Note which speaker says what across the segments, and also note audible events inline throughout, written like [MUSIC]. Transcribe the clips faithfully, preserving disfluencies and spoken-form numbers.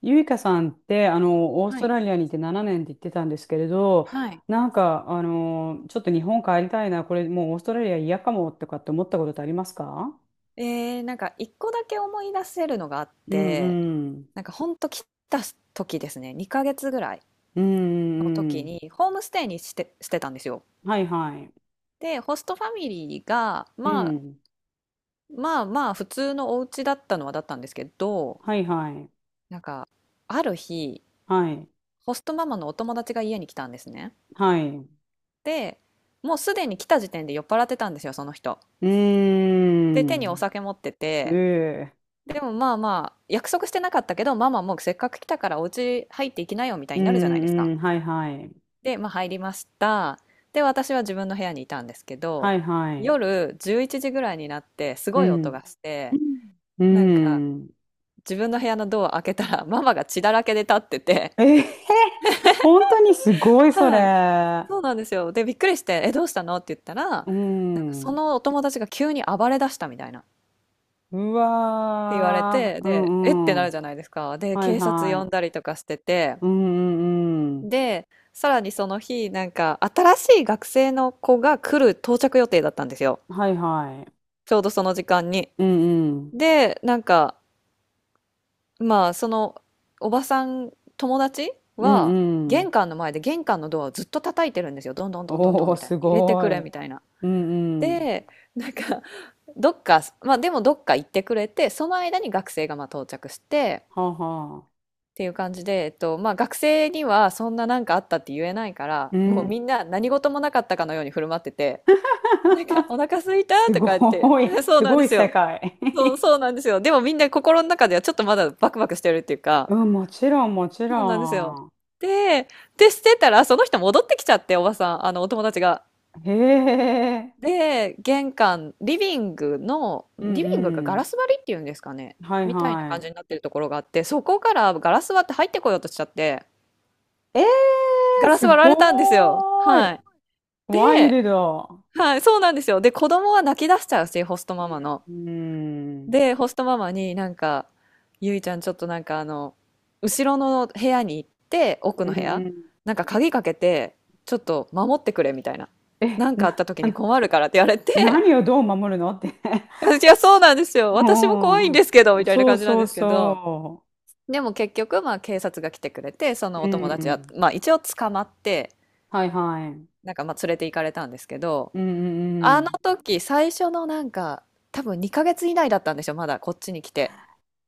Speaker 1: ゆいかさんって、あの、オース
Speaker 2: は
Speaker 1: ト
Speaker 2: い。
Speaker 1: ラリアにいてななねんって言ってたんですけれど、
Speaker 2: はい。
Speaker 1: なんか、あの、ちょっと日本帰りたいな、これもうオーストラリア嫌かもとかって思ったことってありますか？
Speaker 2: えーなんかいっこだけ思い出せるのがあっ
Speaker 1: う
Speaker 2: て、
Speaker 1: んうん。
Speaker 2: なんかほんと来た時ですね、にかげつぐらい
Speaker 1: うん
Speaker 2: の
Speaker 1: うんう
Speaker 2: 時
Speaker 1: ん。
Speaker 2: にホームステイにして、してたんですよ。
Speaker 1: はいはい。
Speaker 2: で、ホストファミリーが、
Speaker 1: う
Speaker 2: まあ、
Speaker 1: ん。
Speaker 2: まあまあ普通のお家だったのはだったんですけど、
Speaker 1: はいはい。
Speaker 2: なんかある日、
Speaker 1: はい。
Speaker 2: ホストママのお友達が家に来たんですね。
Speaker 1: はい。う
Speaker 2: で、もうすでに来た時点で酔っ払ってたんですよ、その人。
Speaker 1: ー
Speaker 2: で、手にお
Speaker 1: ん。
Speaker 2: 酒持って
Speaker 1: え
Speaker 2: て、
Speaker 1: え。
Speaker 2: でもまあまあ、約束してなかったけど、ママもうせっかく来たからお家入っていきなよみたい
Speaker 1: う
Speaker 2: になるじゃないです
Speaker 1: ん
Speaker 2: か。
Speaker 1: うん。はいはい。
Speaker 2: で、まあ入りました。で、私は自分の部屋にいたんですけ
Speaker 1: は
Speaker 2: ど、
Speaker 1: いはい。
Speaker 2: 夜じゅういちじぐらいになってす
Speaker 1: う
Speaker 2: ごい音
Speaker 1: ん。
Speaker 2: がして、
Speaker 1: う
Speaker 2: なんか
Speaker 1: ん。
Speaker 2: 自分の部屋のドアを開けたらママが血だらけで立ってて、
Speaker 1: ええ、本当にすごいそ
Speaker 2: はい、
Speaker 1: れ。
Speaker 2: そうなんですよ。で、びっくりして、え、どうしたのって言ったら、なんか
Speaker 1: う
Speaker 2: そ
Speaker 1: ん。
Speaker 2: のお友達が急に暴れ出したみたいな。っ
Speaker 1: う
Speaker 2: て言われ
Speaker 1: わ
Speaker 2: て、
Speaker 1: ー。う
Speaker 2: で、えって
Speaker 1: んう
Speaker 2: なる
Speaker 1: ん。
Speaker 2: じゃないですか。で、
Speaker 1: はい
Speaker 2: 警察呼
Speaker 1: は
Speaker 2: ん
Speaker 1: い。
Speaker 2: だりとかしてて、
Speaker 1: うんうんうん。
Speaker 2: で、さらにその日、なんか、新しい学生の子が来る到着予定だったんですよ。
Speaker 1: はいはい。
Speaker 2: ちょうどその時間に。
Speaker 1: うんうん。
Speaker 2: で、なんか、まあ、その、おばさん、友達
Speaker 1: う
Speaker 2: は、
Speaker 1: んうん。
Speaker 2: 玄関の前で玄関のドアをずっと叩いてるんですよ。どんどんどんどんど
Speaker 1: お
Speaker 2: ん
Speaker 1: ー、
Speaker 2: みたい
Speaker 1: す
Speaker 2: な。入れて
Speaker 1: ご
Speaker 2: くれ
Speaker 1: い。
Speaker 2: みたいな。
Speaker 1: うんうん。
Speaker 2: で、なんか、どっか、まあでもどっか行ってくれて、その間に学生がまあ到着して、
Speaker 1: はあはあ。
Speaker 2: っていう感じで、えっと、まあ学生にはそんななんかあったって言えないから、
Speaker 1: う
Speaker 2: もう
Speaker 1: ん。
Speaker 2: みんな何事もなかったかのように振る舞ってて、なんか、お腹
Speaker 1: [LAUGHS]
Speaker 2: 空いた
Speaker 1: す
Speaker 2: とか言って。
Speaker 1: ごい。
Speaker 2: [LAUGHS] そう
Speaker 1: す
Speaker 2: なん
Speaker 1: ご
Speaker 2: で
Speaker 1: い
Speaker 2: す
Speaker 1: 世
Speaker 2: よ。
Speaker 1: 界。
Speaker 2: そう、
Speaker 1: [LAUGHS]
Speaker 2: そうなんですよ。でもみんな心の中ではちょっとまだバクバクしてるっていうか、
Speaker 1: うん、もちろん、もち
Speaker 2: そうなんですよ。
Speaker 1: ろん。
Speaker 2: で、で、してたら、その人戻ってきちゃって、おばさん、あの、お友達が。
Speaker 1: へえ。
Speaker 2: で、玄関、リビングの、
Speaker 1: う
Speaker 2: リ
Speaker 1: ん
Speaker 2: ビングが
Speaker 1: う
Speaker 2: ガ
Speaker 1: ん。
Speaker 2: ラス張りっていうんですかね。
Speaker 1: はい
Speaker 2: みたいな感じ
Speaker 1: は
Speaker 2: になってるところがあって、そこからガラス割って入ってこようとしちゃって、
Speaker 1: い。えー、
Speaker 2: ガラス
Speaker 1: す
Speaker 2: 割られたんですよ。
Speaker 1: ごー
Speaker 2: はい。
Speaker 1: い。ワイ
Speaker 2: で、
Speaker 1: ルド。
Speaker 2: はい、そうなんですよ。で、子供は泣き出しちゃうし、ホストママの。
Speaker 1: うん。
Speaker 2: で、ホストママになんか、ゆいちゃんちょっとなんかあの、後ろの部屋に行って、奥
Speaker 1: うん
Speaker 2: の部屋、
Speaker 1: うん。
Speaker 2: なんか鍵かけて、ちょっと守ってくれみたいな。
Speaker 1: え、
Speaker 2: なんかあっ
Speaker 1: な、
Speaker 2: た
Speaker 1: [LAUGHS]
Speaker 2: 時
Speaker 1: あ
Speaker 2: に
Speaker 1: の
Speaker 2: 困るからって言われて、
Speaker 1: 何をどう守るのって [LAUGHS]
Speaker 2: [LAUGHS] 私はそうなんですよ。私も怖いんですけど、
Speaker 1: うん。
Speaker 2: みたいな
Speaker 1: そう
Speaker 2: 感じなん
Speaker 1: そう
Speaker 2: ですけど。
Speaker 1: そ
Speaker 2: でも結局、まあ警察が来てくれて、そ
Speaker 1: う。
Speaker 2: の
Speaker 1: う
Speaker 2: お友達は、
Speaker 1: ん。
Speaker 2: まあ一応捕まって、
Speaker 1: はいはい。うん
Speaker 2: なんかまあ連れて行かれたんですけど、
Speaker 1: うんう
Speaker 2: あの
Speaker 1: ん。
Speaker 2: 時最初のなんか、多分にかげつ以内だったんですよ、まだこっちに来て。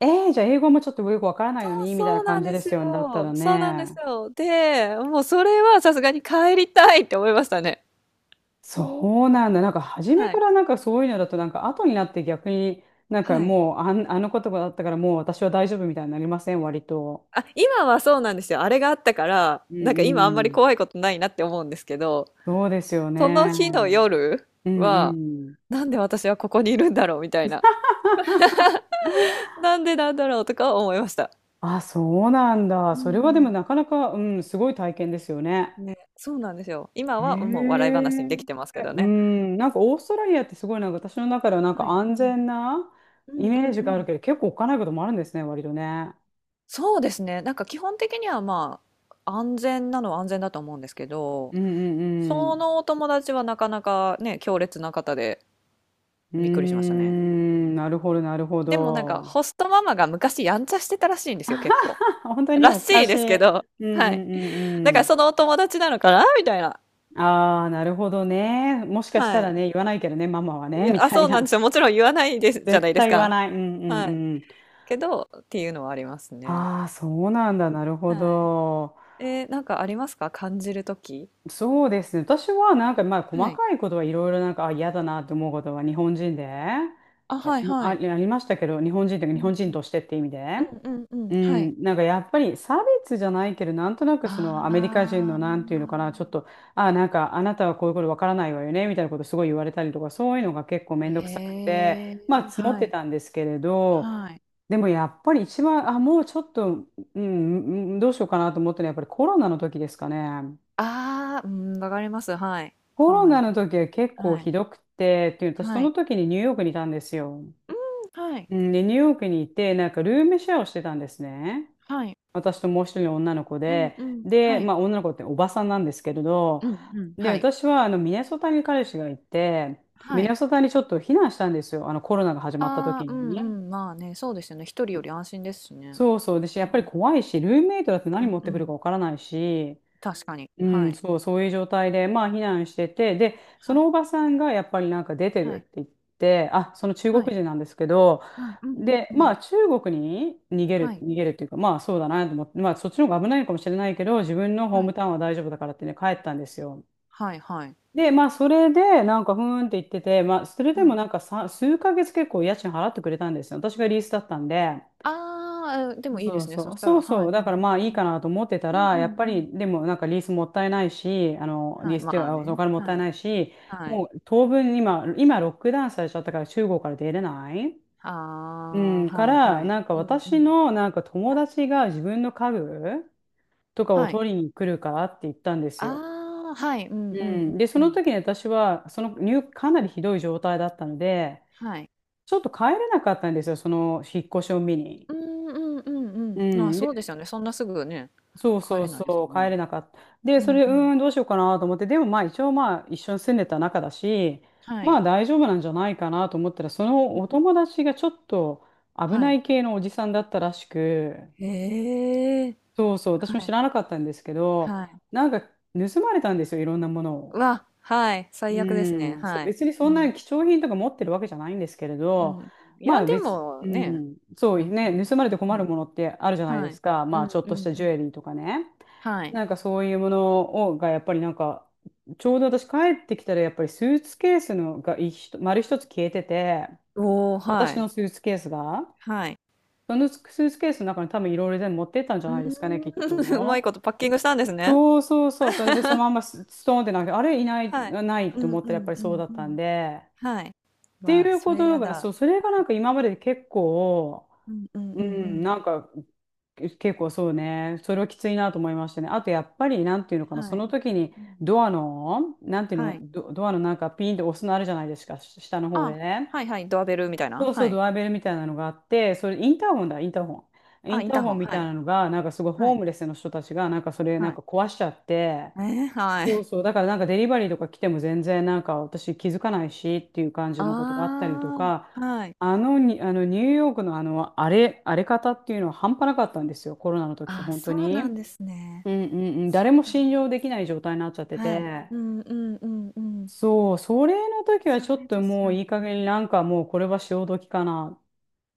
Speaker 1: えー、じゃあ英語もちょっとよくわからないのにみたいな
Speaker 2: そうな
Speaker 1: 感
Speaker 2: ん
Speaker 1: じ
Speaker 2: で
Speaker 1: で
Speaker 2: す
Speaker 1: すよね。だった
Speaker 2: よ。
Speaker 1: ら
Speaker 2: そうなんです
Speaker 1: ね。
Speaker 2: よ。で、もうそれはさすがに帰りたいって思いましたね。
Speaker 1: そうなんだ。なんか初め
Speaker 2: は
Speaker 1: か
Speaker 2: い。
Speaker 1: らなんかそういうのだとなんか後になって逆になんか
Speaker 2: はい。
Speaker 1: もうあん、あの言葉だったからもう私は大丈夫みたいになりません、割と。
Speaker 2: あ、今はそうなんですよ。あれがあったから、
Speaker 1: う
Speaker 2: なん
Speaker 1: ん
Speaker 2: か今あんま
Speaker 1: う
Speaker 2: り
Speaker 1: ん。
Speaker 2: 怖いことないなって思うんですけど、
Speaker 1: そうですよね。
Speaker 2: その
Speaker 1: う
Speaker 2: 日の
Speaker 1: ん
Speaker 2: 夜
Speaker 1: う
Speaker 2: は、
Speaker 1: ん。
Speaker 2: なんで私はここにいるんだろうみたいな。なんでなんだろうとかは思いました。
Speaker 1: あ、そうなんだ。
Speaker 2: う
Speaker 1: それはでも
Speaker 2: ん。
Speaker 1: なかなか、うん、すごい体験ですよね。
Speaker 2: ね、そうなんですよ。今
Speaker 1: へ
Speaker 2: はもう笑い話
Speaker 1: え。
Speaker 2: にできてますけど
Speaker 1: う
Speaker 2: ね。
Speaker 1: ん、なんかオーストラリアってすごいなんか私の中ではなん
Speaker 2: は
Speaker 1: か
Speaker 2: い。
Speaker 1: 安
Speaker 2: うん。
Speaker 1: 全な
Speaker 2: うん
Speaker 1: イ
Speaker 2: う
Speaker 1: メー
Speaker 2: ん
Speaker 1: ジ
Speaker 2: う
Speaker 1: がある
Speaker 2: ん。
Speaker 1: けど、結構おっかないこともあるんですね、割とね。
Speaker 2: そうですね。なんか基本的にはまあ安全なのは安全だと思うんですけど、
Speaker 1: うんうんう
Speaker 2: そ
Speaker 1: ん。
Speaker 2: のお友達はなかなかね、強烈な方で
Speaker 1: う
Speaker 2: びっくりしました
Speaker 1: ー
Speaker 2: ね。うん。
Speaker 1: ん、なるほど、なるほ
Speaker 2: でもなんか
Speaker 1: ど。
Speaker 2: ホストママが昔やんちゃしてたらしいんですよ、結構。
Speaker 1: [LAUGHS] 本当に
Speaker 2: ら
Speaker 1: お
Speaker 2: し
Speaker 1: か
Speaker 2: い
Speaker 1: し
Speaker 2: です
Speaker 1: い。
Speaker 2: けど、
Speaker 1: うんう
Speaker 2: はい。
Speaker 1: んう
Speaker 2: だ
Speaker 1: んう
Speaker 2: から
Speaker 1: ん。
Speaker 2: そのお友達なのかなみたいな。
Speaker 1: ああ、なるほどね。もしかした
Speaker 2: は
Speaker 1: ら
Speaker 2: い。
Speaker 1: ね、言わないけどね、ママは
Speaker 2: い
Speaker 1: ね、み
Speaker 2: や、あ、
Speaker 1: たい
Speaker 2: そうなんです
Speaker 1: な。
Speaker 2: よ。もちろん言わないです、じゃな
Speaker 1: 絶
Speaker 2: いで
Speaker 1: 対
Speaker 2: す
Speaker 1: 言わ
Speaker 2: か。
Speaker 1: ない。うんうん
Speaker 2: はい。
Speaker 1: うん。
Speaker 2: けど、っていうのはありますね。
Speaker 1: ああ、そうなんだ。なるほ
Speaker 2: はい。
Speaker 1: ど。
Speaker 2: えーなんかありますか感じるとき。
Speaker 1: そうですね。私はなんか、まあ、細
Speaker 2: はい。
Speaker 1: かいことはいろいろなんか、あ、嫌だなって思うことは日本人で、い
Speaker 2: あ、
Speaker 1: や
Speaker 2: はい
Speaker 1: まあ、
Speaker 2: は
Speaker 1: ああ
Speaker 2: い。
Speaker 1: りましたけど、日本人というか
Speaker 2: う
Speaker 1: 日
Speaker 2: ん
Speaker 1: 本
Speaker 2: う
Speaker 1: 人と
Speaker 2: ん
Speaker 1: してって意味で。
Speaker 2: うんうんうん、
Speaker 1: う
Speaker 2: はい。
Speaker 1: ん、なんかやっぱり差別じゃないけど、なんとなくそのアメリカ人
Speaker 2: あ
Speaker 1: のなんていうのかな、ちょっ
Speaker 2: あ。
Speaker 1: と、あ、なんかあなたはこういうことわからないわよね、みたいなことすごい言われたりとか、そういうのが結構めんどくさくて、
Speaker 2: へえ、
Speaker 1: まあ積もっ
Speaker 2: は
Speaker 1: て
Speaker 2: い、
Speaker 1: たんですけれど、
Speaker 2: はい。
Speaker 1: でもやっぱり一番、あ、もうちょっと、うん、うんどうしようかなと思ったのはやっぱりコロナの時ですかね。
Speaker 2: ああ、うん、わかります、はい。
Speaker 1: コ
Speaker 2: コロ
Speaker 1: ロ
Speaker 2: ナ
Speaker 1: ナ
Speaker 2: の
Speaker 1: の
Speaker 2: 時に。
Speaker 1: 時は結構
Speaker 2: はい、
Speaker 1: ひどくて、っていうと、そ
Speaker 2: は
Speaker 1: の
Speaker 2: い。
Speaker 1: 時にニューヨークにいたんですよ。
Speaker 2: うん、はい、
Speaker 1: うんで、ニューヨークにいて、なんかルームシェアをしてたんですね。
Speaker 2: はい。
Speaker 1: 私ともう一人の女の子
Speaker 2: うん
Speaker 1: で、
Speaker 2: うん、
Speaker 1: で、
Speaker 2: はい。
Speaker 1: まあ女の子っておばさんなんですけれど、
Speaker 2: うんうん、
Speaker 1: で、
Speaker 2: はい、
Speaker 1: 私はあのミネソタに彼氏がいて、ミ
Speaker 2: はい。
Speaker 1: ネソタにちょっと避難したんですよ。あのコロナが始まった
Speaker 2: あ
Speaker 1: 時
Speaker 2: あ、う
Speaker 1: に
Speaker 2: んう
Speaker 1: ね。
Speaker 2: ん、まあね、そうですよね、一人より安心ですしね。
Speaker 1: そうそう。で、やっぱり怖いし、ルームメイトだって
Speaker 2: う
Speaker 1: 何持
Speaker 2: ん
Speaker 1: っ
Speaker 2: う
Speaker 1: てくるか
Speaker 2: ん、
Speaker 1: わからないし、
Speaker 2: 確かに。
Speaker 1: う
Speaker 2: は
Speaker 1: ん、
Speaker 2: い、
Speaker 1: そう、そういう状態で、まあ避難してて、で、そ
Speaker 2: は
Speaker 1: のお
Speaker 2: い、
Speaker 1: ばさんがやっぱりなんか出てる
Speaker 2: は
Speaker 1: っ
Speaker 2: い、
Speaker 1: て言って、あ、その中
Speaker 2: は
Speaker 1: 国
Speaker 2: い、
Speaker 1: 人なんですけど、
Speaker 2: はい。うんうん
Speaker 1: で、
Speaker 2: う
Speaker 1: ま
Speaker 2: ん。
Speaker 1: あ中国に逃げ
Speaker 2: は
Speaker 1: る、
Speaker 2: い、
Speaker 1: 逃げるっていうか、まあそうだなと思って、まあそっちの方が危ないのかもしれないけど、自分のホー
Speaker 2: は
Speaker 1: ム
Speaker 2: い、
Speaker 1: タウンは大丈夫だからってね、帰ったんですよ。
Speaker 2: はいはい、
Speaker 1: で、まあそれで、なんかふーんって言ってて、まあそれで
Speaker 2: は
Speaker 1: も
Speaker 2: い。
Speaker 1: なんかさ、数ヶ月結構家賃払ってくれたんですよ。私がリースだったんで。
Speaker 2: ああ、でもいいで
Speaker 1: そう
Speaker 2: すね、そ
Speaker 1: そう、
Speaker 2: した
Speaker 1: そ
Speaker 2: ら
Speaker 1: う
Speaker 2: は
Speaker 1: そ
Speaker 2: い
Speaker 1: う、だか
Speaker 2: は
Speaker 1: らまあい
Speaker 2: い。う
Speaker 1: い
Speaker 2: ん。
Speaker 1: かなと思ってた
Speaker 2: うん
Speaker 1: ら、
Speaker 2: うん
Speaker 1: やっぱ
Speaker 2: うん。
Speaker 1: りでもなんかリースもったいないし、あの
Speaker 2: は
Speaker 1: リー
Speaker 2: い、
Speaker 1: スっ
Speaker 2: ま
Speaker 1: て
Speaker 2: あ
Speaker 1: あお
Speaker 2: ね、
Speaker 1: 金もった
Speaker 2: は
Speaker 1: い
Speaker 2: い、
Speaker 1: ないし、
Speaker 2: はい。
Speaker 1: もう当分今、今ロックダウンされちゃったから中国から出れない。
Speaker 2: あ
Speaker 1: うん、
Speaker 2: あ、
Speaker 1: か
Speaker 2: はい
Speaker 1: ら、
Speaker 2: はい。
Speaker 1: なんか
Speaker 2: うんう
Speaker 1: 私
Speaker 2: ん。
Speaker 1: のなんか友
Speaker 2: はい。
Speaker 1: 達が自分の家具とかを
Speaker 2: はい。
Speaker 1: 取りに来るからって言ったんですよ。
Speaker 2: ああ、はい、うん
Speaker 1: う
Speaker 2: うんうん
Speaker 1: ん、で、そ
Speaker 2: う
Speaker 1: の
Speaker 2: ん。
Speaker 1: 時に私は、その入、かなりひどい状態だったので、
Speaker 2: はい。
Speaker 1: ちょっと帰れなかったんですよ、その引っ越しを見に。
Speaker 2: うんうんう
Speaker 1: う
Speaker 2: んうん。あ、
Speaker 1: ん、
Speaker 2: そう
Speaker 1: で
Speaker 2: ですよね。そんなすぐね、
Speaker 1: そう
Speaker 2: 帰
Speaker 1: そう
Speaker 2: れないですよ
Speaker 1: そう、帰
Speaker 2: ね。
Speaker 1: れなかった。で、
Speaker 2: う
Speaker 1: そ
Speaker 2: ん
Speaker 1: れ、う
Speaker 2: うん。
Speaker 1: ーん、どうしようかなと思って、でもまあ一応まあ一緒に住んでた仲だし、
Speaker 2: は
Speaker 1: ま
Speaker 2: い。
Speaker 1: あ大丈夫なんじゃないかなと思ったら、その
Speaker 2: うん。
Speaker 1: お友達がちょっと危
Speaker 2: は
Speaker 1: な
Speaker 2: い。
Speaker 1: い系のおじさんだったらしく、
Speaker 2: へえ。
Speaker 1: そうそう、
Speaker 2: は
Speaker 1: 私も知
Speaker 2: い、
Speaker 1: らなかったんですけど、
Speaker 2: はい。
Speaker 1: なんか盗まれたんですよ、いろんなもの
Speaker 2: う
Speaker 1: を。
Speaker 2: わ、はい、最
Speaker 1: う
Speaker 2: 悪ですね。
Speaker 1: ん、そう
Speaker 2: はい。
Speaker 1: 別にそ
Speaker 2: う
Speaker 1: んな
Speaker 2: ん、
Speaker 1: 貴重品とか持ってるわけじゃないんですけれ
Speaker 2: うん。
Speaker 1: ど、
Speaker 2: い
Speaker 1: ま
Speaker 2: や、
Speaker 1: あ
Speaker 2: で
Speaker 1: 別、
Speaker 2: も
Speaker 1: う
Speaker 2: ね、
Speaker 1: ん、そう
Speaker 2: やっぱり。
Speaker 1: ね、盗まれて
Speaker 2: う
Speaker 1: 困る
Speaker 2: ん。
Speaker 1: ものってあるじゃないで
Speaker 2: はい。
Speaker 1: すか、
Speaker 2: う
Speaker 1: まあちょ
Speaker 2: ん
Speaker 1: っ
Speaker 2: う
Speaker 1: とし
Speaker 2: ん
Speaker 1: た
Speaker 2: う
Speaker 1: ジュ
Speaker 2: ん。
Speaker 1: エリーとかね、
Speaker 2: はい。
Speaker 1: なんかそういうものをがやっぱりなんか、ちょうど私帰ってきたらやっぱりスーツケースのが一丸一つ消えてて、
Speaker 2: おお、は
Speaker 1: 私
Speaker 2: い。
Speaker 1: のスーツケースが、
Speaker 2: はい。
Speaker 1: そのスーツケースの中に多分いろいろ全部持ってったんじゃ
Speaker 2: う
Speaker 1: ないですかね、きっ
Speaker 2: ーん。[LAUGHS] うまい
Speaker 1: と。
Speaker 2: ことパッキングしたんですね。
Speaker 1: そうそうそう、それでその
Speaker 2: [LAUGHS]
Speaker 1: まんまスストーンってなんか、あれいない、
Speaker 2: はい。
Speaker 1: ない
Speaker 2: う
Speaker 1: と思
Speaker 2: ん
Speaker 1: った
Speaker 2: う
Speaker 1: らやっ
Speaker 2: ん
Speaker 1: ぱり
Speaker 2: う
Speaker 1: そう
Speaker 2: ん
Speaker 1: だっ
Speaker 2: う
Speaker 1: たん
Speaker 2: ん。
Speaker 1: で。
Speaker 2: はい。
Speaker 1: って
Speaker 2: わあ、
Speaker 1: いう
Speaker 2: そ
Speaker 1: こ
Speaker 2: れ
Speaker 1: と
Speaker 2: や
Speaker 1: が、そ
Speaker 2: だ。
Speaker 1: う、それがなんか今まで結構、
Speaker 2: うんうん
Speaker 1: う
Speaker 2: うんう
Speaker 1: ん、
Speaker 2: ん。
Speaker 1: なんか結構そうね、それはきついなと思いましたね。あとやっぱり、なんていうのかな、そ
Speaker 2: はい。
Speaker 1: の時に
Speaker 2: うん。
Speaker 1: ドアの、なんていうの、
Speaker 2: はい。
Speaker 1: ド、ドアのなんかピンって押すのあるじゃないですか、し下の方で
Speaker 2: あ、
Speaker 1: ね。
Speaker 2: はいはい、ドアベルみたい
Speaker 1: そ
Speaker 2: な？
Speaker 1: うそ
Speaker 2: は
Speaker 1: う、
Speaker 2: い。
Speaker 1: ドアベルみ
Speaker 2: う
Speaker 1: たいな
Speaker 2: ん。
Speaker 1: のがあって、それインターホンだ、インターホン。イ
Speaker 2: あ、
Speaker 1: ン
Speaker 2: イン
Speaker 1: ター
Speaker 2: ター
Speaker 1: ホ
Speaker 2: ホ
Speaker 1: ン
Speaker 2: ン、
Speaker 1: み
Speaker 2: は
Speaker 1: たい
Speaker 2: い。
Speaker 1: なのが、なんかすごい
Speaker 2: は
Speaker 1: ホ
Speaker 2: い。
Speaker 1: ームレスの人たちが、なんかそれな
Speaker 2: は
Speaker 1: んか
Speaker 2: い。
Speaker 1: 壊しちゃって、
Speaker 2: えーはい。
Speaker 1: そうそう。だからなんかデリバリーとか来ても全然なんか私気づかないしっていう感じのことがあったりと
Speaker 2: あ
Speaker 1: か、
Speaker 2: あ、はい。
Speaker 1: あのに、あのニューヨークのあの荒れ、荒れ方っていうのは半端なかったんですよ。コロナの時って
Speaker 2: あ、
Speaker 1: 本
Speaker 2: そ
Speaker 1: 当
Speaker 2: うなん
Speaker 1: に。
Speaker 2: ですね。
Speaker 1: うんうんうん。
Speaker 2: そ
Speaker 1: 誰も
Speaker 2: うなんだ。
Speaker 1: 信用できない状態になっちゃって
Speaker 2: はい。
Speaker 1: て。
Speaker 2: うんうんうんうん。
Speaker 1: そう、それの時は
Speaker 2: そ
Speaker 1: ちょっ
Speaker 2: れ
Speaker 1: と
Speaker 2: 確
Speaker 1: もう
Speaker 2: かに。
Speaker 1: いい加減になんかもうこれは潮時かな。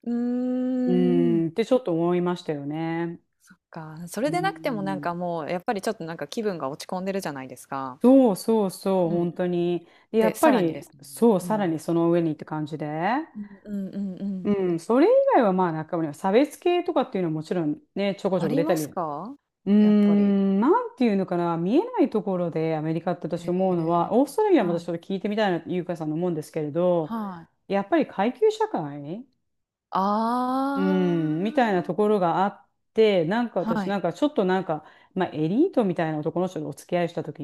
Speaker 2: うー
Speaker 1: う
Speaker 2: ん。
Speaker 1: ーんってちょっと思いましたよね。
Speaker 2: そっか、そ
Speaker 1: う
Speaker 2: れでなくてもなん
Speaker 1: ん。
Speaker 2: かもうやっぱりちょっとなんか気分が落ち込んでるじゃないですか。
Speaker 1: そうそうそう、
Speaker 2: うん。
Speaker 1: 本当に。でや
Speaker 2: で、
Speaker 1: っぱ
Speaker 2: さらにで
Speaker 1: り、
Speaker 2: すね。
Speaker 1: そう、
Speaker 2: う
Speaker 1: さら
Speaker 2: ん。
Speaker 1: にその上にって感じで。
Speaker 2: うんうんうんうん。
Speaker 1: うん、それ以外はまあ中身は差別系とかっていうのはもちろんね、ちょこち
Speaker 2: あ
Speaker 1: ょこ
Speaker 2: り
Speaker 1: 出た
Speaker 2: ま
Speaker 1: り、
Speaker 2: す
Speaker 1: う
Speaker 2: か？
Speaker 1: ー
Speaker 2: やっぱり。
Speaker 1: ん、なんていうのかな、見えないところでアメリカって
Speaker 2: へ
Speaker 1: 私思うの
Speaker 2: え。
Speaker 1: は、オーストラリアも
Speaker 2: は
Speaker 1: 私
Speaker 2: い、
Speaker 1: ちょっと聞いてみたいなとゆうかさんの思うんですけれど、
Speaker 2: はい。
Speaker 1: やっぱり階級社会、
Speaker 2: あ
Speaker 1: うん、みたいなところがあって、なんか
Speaker 2: あ、
Speaker 1: 私
Speaker 2: は
Speaker 1: な
Speaker 2: い。
Speaker 1: んかちょっとなんか、まあエリートみたいな男の人とお付き合いしたとき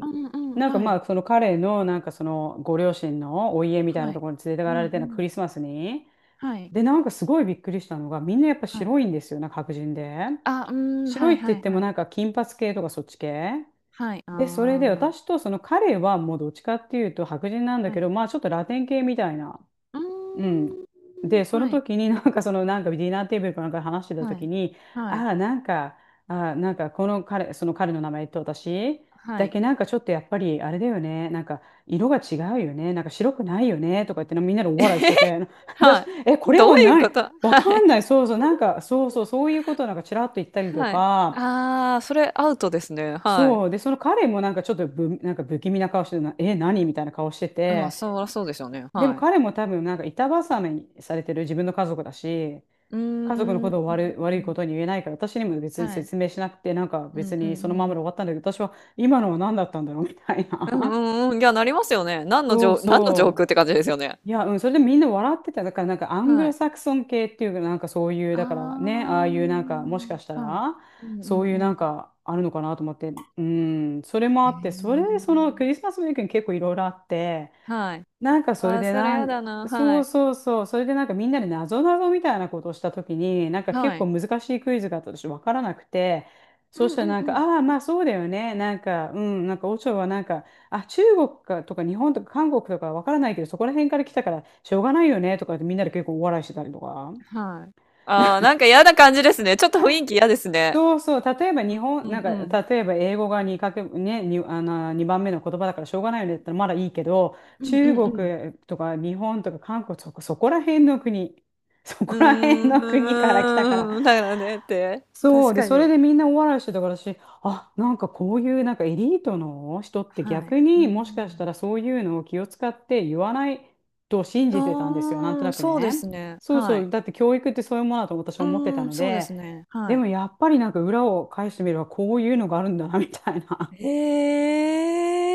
Speaker 2: うんうん、
Speaker 1: なんか
Speaker 2: はい、
Speaker 1: まあその彼のなんかそのご両親のお家みたいな
Speaker 2: は
Speaker 1: と
Speaker 2: い。
Speaker 1: ころに連れて
Speaker 2: う
Speaker 1: か
Speaker 2: んう
Speaker 1: れてなんかク
Speaker 2: ん、
Speaker 1: リスマスに、
Speaker 2: はい、
Speaker 1: で、なんかすごいびっくりしたのが、みんなやっぱ
Speaker 2: はい。
Speaker 1: 白いんですよ、なんか白人で。
Speaker 2: あ、うーん、
Speaker 1: 白
Speaker 2: は
Speaker 1: い
Speaker 2: い
Speaker 1: って言
Speaker 2: は
Speaker 1: っ
Speaker 2: い
Speaker 1: ても
Speaker 2: はい。
Speaker 1: なんか金髪系とかそっち系。
Speaker 2: はい、あ
Speaker 1: で、それ
Speaker 2: あ、
Speaker 1: で私とその彼はもうどっちかっていうと白人なんだ
Speaker 2: は
Speaker 1: け
Speaker 2: い。
Speaker 1: ど、まあちょっとラテン系みたいな。
Speaker 2: うー
Speaker 1: うん。
Speaker 2: ん、
Speaker 1: で、その
Speaker 2: はい、
Speaker 1: 時に [LAUGHS] なんかそのなんかディナーテーブルかなんかで話してた
Speaker 2: はい、
Speaker 1: 時に、
Speaker 2: はい、
Speaker 1: ああ、なんか、ああ、なんかこの彼、その彼の名前と私
Speaker 2: は
Speaker 1: だ
Speaker 2: い。
Speaker 1: けなんかちょっとやっぱりあれだよね、なんか色が違うよね、なんか白くないよねとか言ってみんなで
Speaker 2: [LAUGHS]
Speaker 1: お
Speaker 2: え
Speaker 1: 笑いし
Speaker 2: へ
Speaker 1: て
Speaker 2: へ。
Speaker 1: て、[LAUGHS]
Speaker 2: は
Speaker 1: 私、
Speaker 2: い。
Speaker 1: え、これ
Speaker 2: どう
Speaker 1: は
Speaker 2: いう
Speaker 1: 何
Speaker 2: こと？は
Speaker 1: わかん
Speaker 2: い。
Speaker 1: ない、そうそう、なんかそうそう、そういうことをなんかちらっと言ったりと
Speaker 2: はい。
Speaker 1: か、
Speaker 2: ああ、それアウトですね。は
Speaker 1: そう、で、その彼もなんかちょっとぶ、なんか不気味な顔してるな、え、何みたいな顔して
Speaker 2: い。まあ、
Speaker 1: て、
Speaker 2: そらそうでしょうね。
Speaker 1: でも
Speaker 2: はい。
Speaker 1: 彼も多分なんか板挟みにされてる自分の家族だし、
Speaker 2: う
Speaker 1: 家族の
Speaker 2: ー
Speaker 1: ことを
Speaker 2: ん。
Speaker 1: 悪い、悪いことに言えないから、私にも別
Speaker 2: は
Speaker 1: に
Speaker 2: い。
Speaker 1: 説明しなくて、なんか
Speaker 2: う
Speaker 1: 別
Speaker 2: んう
Speaker 1: にそ
Speaker 2: ん
Speaker 1: の
Speaker 2: う
Speaker 1: ままで
Speaker 2: ん。
Speaker 1: 終わったんだけど、私は今のは何だったんだろうみたい
Speaker 2: うんう
Speaker 1: な。
Speaker 2: んうん。いや、なりますよね。
Speaker 1: [LAUGHS]
Speaker 2: 何の
Speaker 1: そう
Speaker 2: 上何の上空
Speaker 1: そ
Speaker 2: って感じですよね。
Speaker 1: う。いや、うん、それでみんな笑ってた。だからなんかアング
Speaker 2: は
Speaker 1: ロ
Speaker 2: い。
Speaker 1: サクソン系っていうか、なんかそういう、
Speaker 2: あ
Speaker 1: だからね、
Speaker 2: あ、
Speaker 1: ああいうなんか、もしかした
Speaker 2: はい。
Speaker 1: ら、
Speaker 2: うんう
Speaker 1: そういう
Speaker 2: んう
Speaker 1: なん
Speaker 2: ん。
Speaker 1: かあるのかなと思って、うん、それもあ
Speaker 2: ええ。
Speaker 1: って、それでそのクリスマスウィークに結構いろいろあって、
Speaker 2: はい。
Speaker 1: なんかそ
Speaker 2: あ
Speaker 1: れ
Speaker 2: あ、
Speaker 1: で
Speaker 2: それ
Speaker 1: な
Speaker 2: や
Speaker 1: ん、
Speaker 2: だな、は
Speaker 1: そう
Speaker 2: い。
Speaker 1: そうそう、それでなんかみんなでなぞなぞみたいなことをしたときに、なんか結
Speaker 2: は
Speaker 1: 構
Speaker 2: い。
Speaker 1: 難しいクイズがあったとして分からなくて、
Speaker 2: う
Speaker 1: そうしたら
Speaker 2: ん
Speaker 1: なん
Speaker 2: うん
Speaker 1: か、
Speaker 2: う
Speaker 1: ああ、まあそうだよね、なんか、うん、なんか、オチョはなんか、あ、中国かとか日本とか韓国とか分からないけど、そこら辺から来たからしょうがないよねとかってみんなで結構お笑いしてたりとか。
Speaker 2: ん。はい。ああ、なんか嫌な感じですね。ちょっと雰囲気嫌ですね。
Speaker 1: そうそう、例えば日本、
Speaker 2: う
Speaker 1: なん
Speaker 2: ん
Speaker 1: か、
Speaker 2: うん。
Speaker 1: 例えば英語がにかけ、ね、に、あの、にばんめの言葉だからしょうがないよねって言ったらまだいいけど、
Speaker 2: うんう
Speaker 1: 中
Speaker 2: んうん。
Speaker 1: 国とか日本とか韓国とかそこら辺の国、そこ
Speaker 2: う
Speaker 1: ら辺の国から来たか
Speaker 2: ー
Speaker 1: ら、
Speaker 2: ん、だよねって。
Speaker 1: そ
Speaker 2: 確
Speaker 1: うで
Speaker 2: か
Speaker 1: それ
Speaker 2: に。
Speaker 1: でみんな大笑いしてたから私、あ、なんかこういうなんかエリートの人って
Speaker 2: はい。
Speaker 1: 逆
Speaker 2: う
Speaker 1: にもしかした
Speaker 2: ん。
Speaker 1: らそういうのを気を使って言わないと信
Speaker 2: う
Speaker 1: じてたんですよ、なんと
Speaker 2: ー
Speaker 1: な
Speaker 2: ん、
Speaker 1: く
Speaker 2: そうで
Speaker 1: ね。
Speaker 2: すね。
Speaker 1: そう
Speaker 2: は
Speaker 1: そ
Speaker 2: い。
Speaker 1: う、だって教育ってそういうものだと私は
Speaker 2: う
Speaker 1: 思ってた
Speaker 2: ーん、
Speaker 1: の
Speaker 2: そうで
Speaker 1: で。
Speaker 2: すね。
Speaker 1: で
Speaker 2: はい。
Speaker 1: もやっぱりなんか裏を返してみればこういうのがあるんだなみたいな。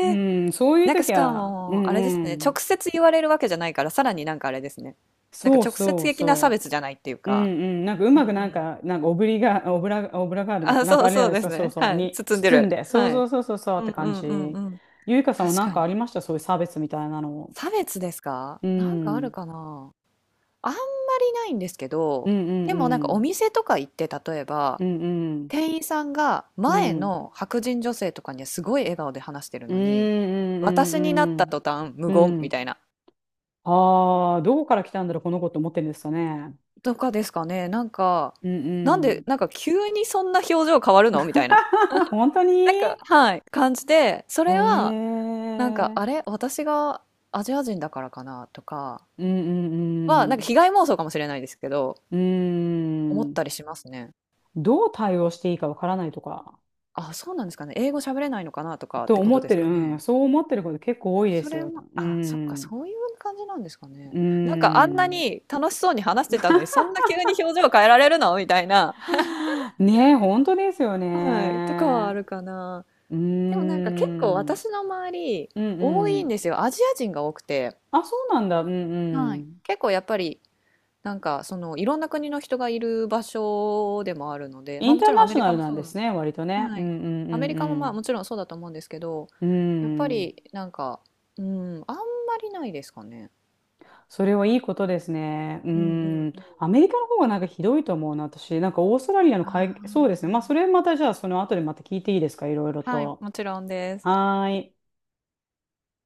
Speaker 1: [LAUGHS] う
Speaker 2: え。
Speaker 1: ん、そういう
Speaker 2: なんかし
Speaker 1: 時
Speaker 2: か
Speaker 1: はう
Speaker 2: も、
Speaker 1: ん、
Speaker 2: あれです
Speaker 1: う
Speaker 2: ね、
Speaker 1: ん、
Speaker 2: 直接言われるわけじゃないから、さらになんかあれですね。なんか
Speaker 1: そう
Speaker 2: 直接
Speaker 1: そう
Speaker 2: 的な差
Speaker 1: そう、
Speaker 2: 別じゃないっていう
Speaker 1: うん、
Speaker 2: か。
Speaker 1: うん、なんかう
Speaker 2: うん
Speaker 1: まく
Speaker 2: う
Speaker 1: なん
Speaker 2: ん。
Speaker 1: か、なんかオブリガ、オブラ、オブラガールだって、
Speaker 2: あ、
Speaker 1: なん
Speaker 2: そ
Speaker 1: か
Speaker 2: う
Speaker 1: あれ
Speaker 2: そう
Speaker 1: です
Speaker 2: です
Speaker 1: よ、そう
Speaker 2: ね。
Speaker 1: そう、
Speaker 2: はい。
Speaker 1: に
Speaker 2: 包んで
Speaker 1: 包ん
Speaker 2: る。
Speaker 1: で、そ
Speaker 2: は
Speaker 1: うそ
Speaker 2: い。
Speaker 1: うそうそうそうっ
Speaker 2: うん
Speaker 1: て
Speaker 2: う
Speaker 1: 感
Speaker 2: んうんう
Speaker 1: じ。
Speaker 2: ん。
Speaker 1: ゆいかさんは
Speaker 2: 確
Speaker 1: なん
Speaker 2: か
Speaker 1: か
Speaker 2: に。
Speaker 1: ありました、そういう差別みたいなの。
Speaker 2: 差別ですか
Speaker 1: うん。
Speaker 2: なんかあ
Speaker 1: う
Speaker 2: る
Speaker 1: ん
Speaker 2: かなあんまりないんですけ
Speaker 1: う
Speaker 2: ど、
Speaker 1: ん
Speaker 2: でもなんか
Speaker 1: う
Speaker 2: お
Speaker 1: ん。
Speaker 2: 店とか行って例えば
Speaker 1: うんうん。
Speaker 2: 店員さんが
Speaker 1: う
Speaker 2: 前
Speaker 1: ん
Speaker 2: の白人女性とかにはすごい笑顔で話してる
Speaker 1: うん
Speaker 2: の
Speaker 1: う
Speaker 2: に、私になった
Speaker 1: ん
Speaker 2: 途端無
Speaker 1: うんうん。うんう
Speaker 2: 言
Speaker 1: んうんうんうんう
Speaker 2: みた
Speaker 1: ん。
Speaker 2: いな。
Speaker 1: ああー、どこから来たんだろう、この子って思ってるんですかね。
Speaker 2: とかですかね。なんか、
Speaker 1: うん
Speaker 2: な
Speaker 1: う
Speaker 2: んで、
Speaker 1: ん。
Speaker 2: なんか急にそんな表情変わるのみたいな。
Speaker 1: [LAUGHS] 本当に。
Speaker 2: なんか、はい、感じで、そ
Speaker 1: へえ。
Speaker 2: れは、なんか、
Speaker 1: う
Speaker 2: あ
Speaker 1: ん
Speaker 2: れ私がアジア人だからかなとか
Speaker 1: う
Speaker 2: は、なんか
Speaker 1: ん
Speaker 2: 被害妄想かもしれないですけど、
Speaker 1: うん。
Speaker 2: 思
Speaker 1: う
Speaker 2: っ
Speaker 1: ん。
Speaker 2: たりしますね。
Speaker 1: どう対応していいかわからないとか、
Speaker 2: あ、そうなんですかね。英語喋れないのかなとかっ
Speaker 1: と
Speaker 2: てこ
Speaker 1: 思
Speaker 2: と
Speaker 1: っ
Speaker 2: で
Speaker 1: て
Speaker 2: す
Speaker 1: る、
Speaker 2: か
Speaker 1: うん、
Speaker 2: ね。
Speaker 1: そう思ってること結構多いで
Speaker 2: そ
Speaker 1: す
Speaker 2: れ
Speaker 1: よ。
Speaker 2: も、
Speaker 1: う
Speaker 2: あ、そっか、
Speaker 1: ん、
Speaker 2: そういう感じなんですかね。
Speaker 1: う
Speaker 2: なんかあんな
Speaker 1: ん。
Speaker 2: に楽しそうに話してたのに、そんな急に表情変えられるのみたいな。[LAUGHS]
Speaker 1: はあねえ、本当ですよ
Speaker 2: はい。とかはあ
Speaker 1: ね。
Speaker 2: るかな。
Speaker 1: う
Speaker 2: でもなんか結構
Speaker 1: ん、うん
Speaker 2: 私の周り、
Speaker 1: う
Speaker 2: 多いん
Speaker 1: ん。
Speaker 2: ですよ。アジア人が多くて。
Speaker 1: あ、そうなんだ、うん。
Speaker 2: は
Speaker 1: う
Speaker 2: い。
Speaker 1: ん。
Speaker 2: 結構やっぱり、なんかそのいろんな国の人がいる場所でもあるので、
Speaker 1: イ
Speaker 2: まあ
Speaker 1: ン
Speaker 2: も
Speaker 1: タ
Speaker 2: ち
Speaker 1: ー
Speaker 2: ろん
Speaker 1: ナ
Speaker 2: アメ
Speaker 1: ショ
Speaker 2: リ
Speaker 1: ナ
Speaker 2: カ
Speaker 1: ル
Speaker 2: も
Speaker 1: なん
Speaker 2: そ
Speaker 1: で
Speaker 2: う。
Speaker 1: すね、割とね。
Speaker 2: は
Speaker 1: うん
Speaker 2: い。
Speaker 1: うん
Speaker 2: アメリカも
Speaker 1: う
Speaker 2: まあも
Speaker 1: ん
Speaker 2: ちろんそうだと思うんですけど、
Speaker 1: うん。
Speaker 2: やっぱ
Speaker 1: うん。
Speaker 2: りなんか、うん、あんまりないですかね。
Speaker 1: それはいいことですね。う
Speaker 2: うんうん
Speaker 1: ん。
Speaker 2: うん。
Speaker 1: アメリカの方がなんかひどいと思うな、私。なんかオーストラリアの会、そう
Speaker 2: あ
Speaker 1: ですね。まあ、それまたじゃあ、その後でまた聞いていいですか、いろいろ
Speaker 2: あ、はい、
Speaker 1: と。
Speaker 2: もちろんです。
Speaker 1: はーい。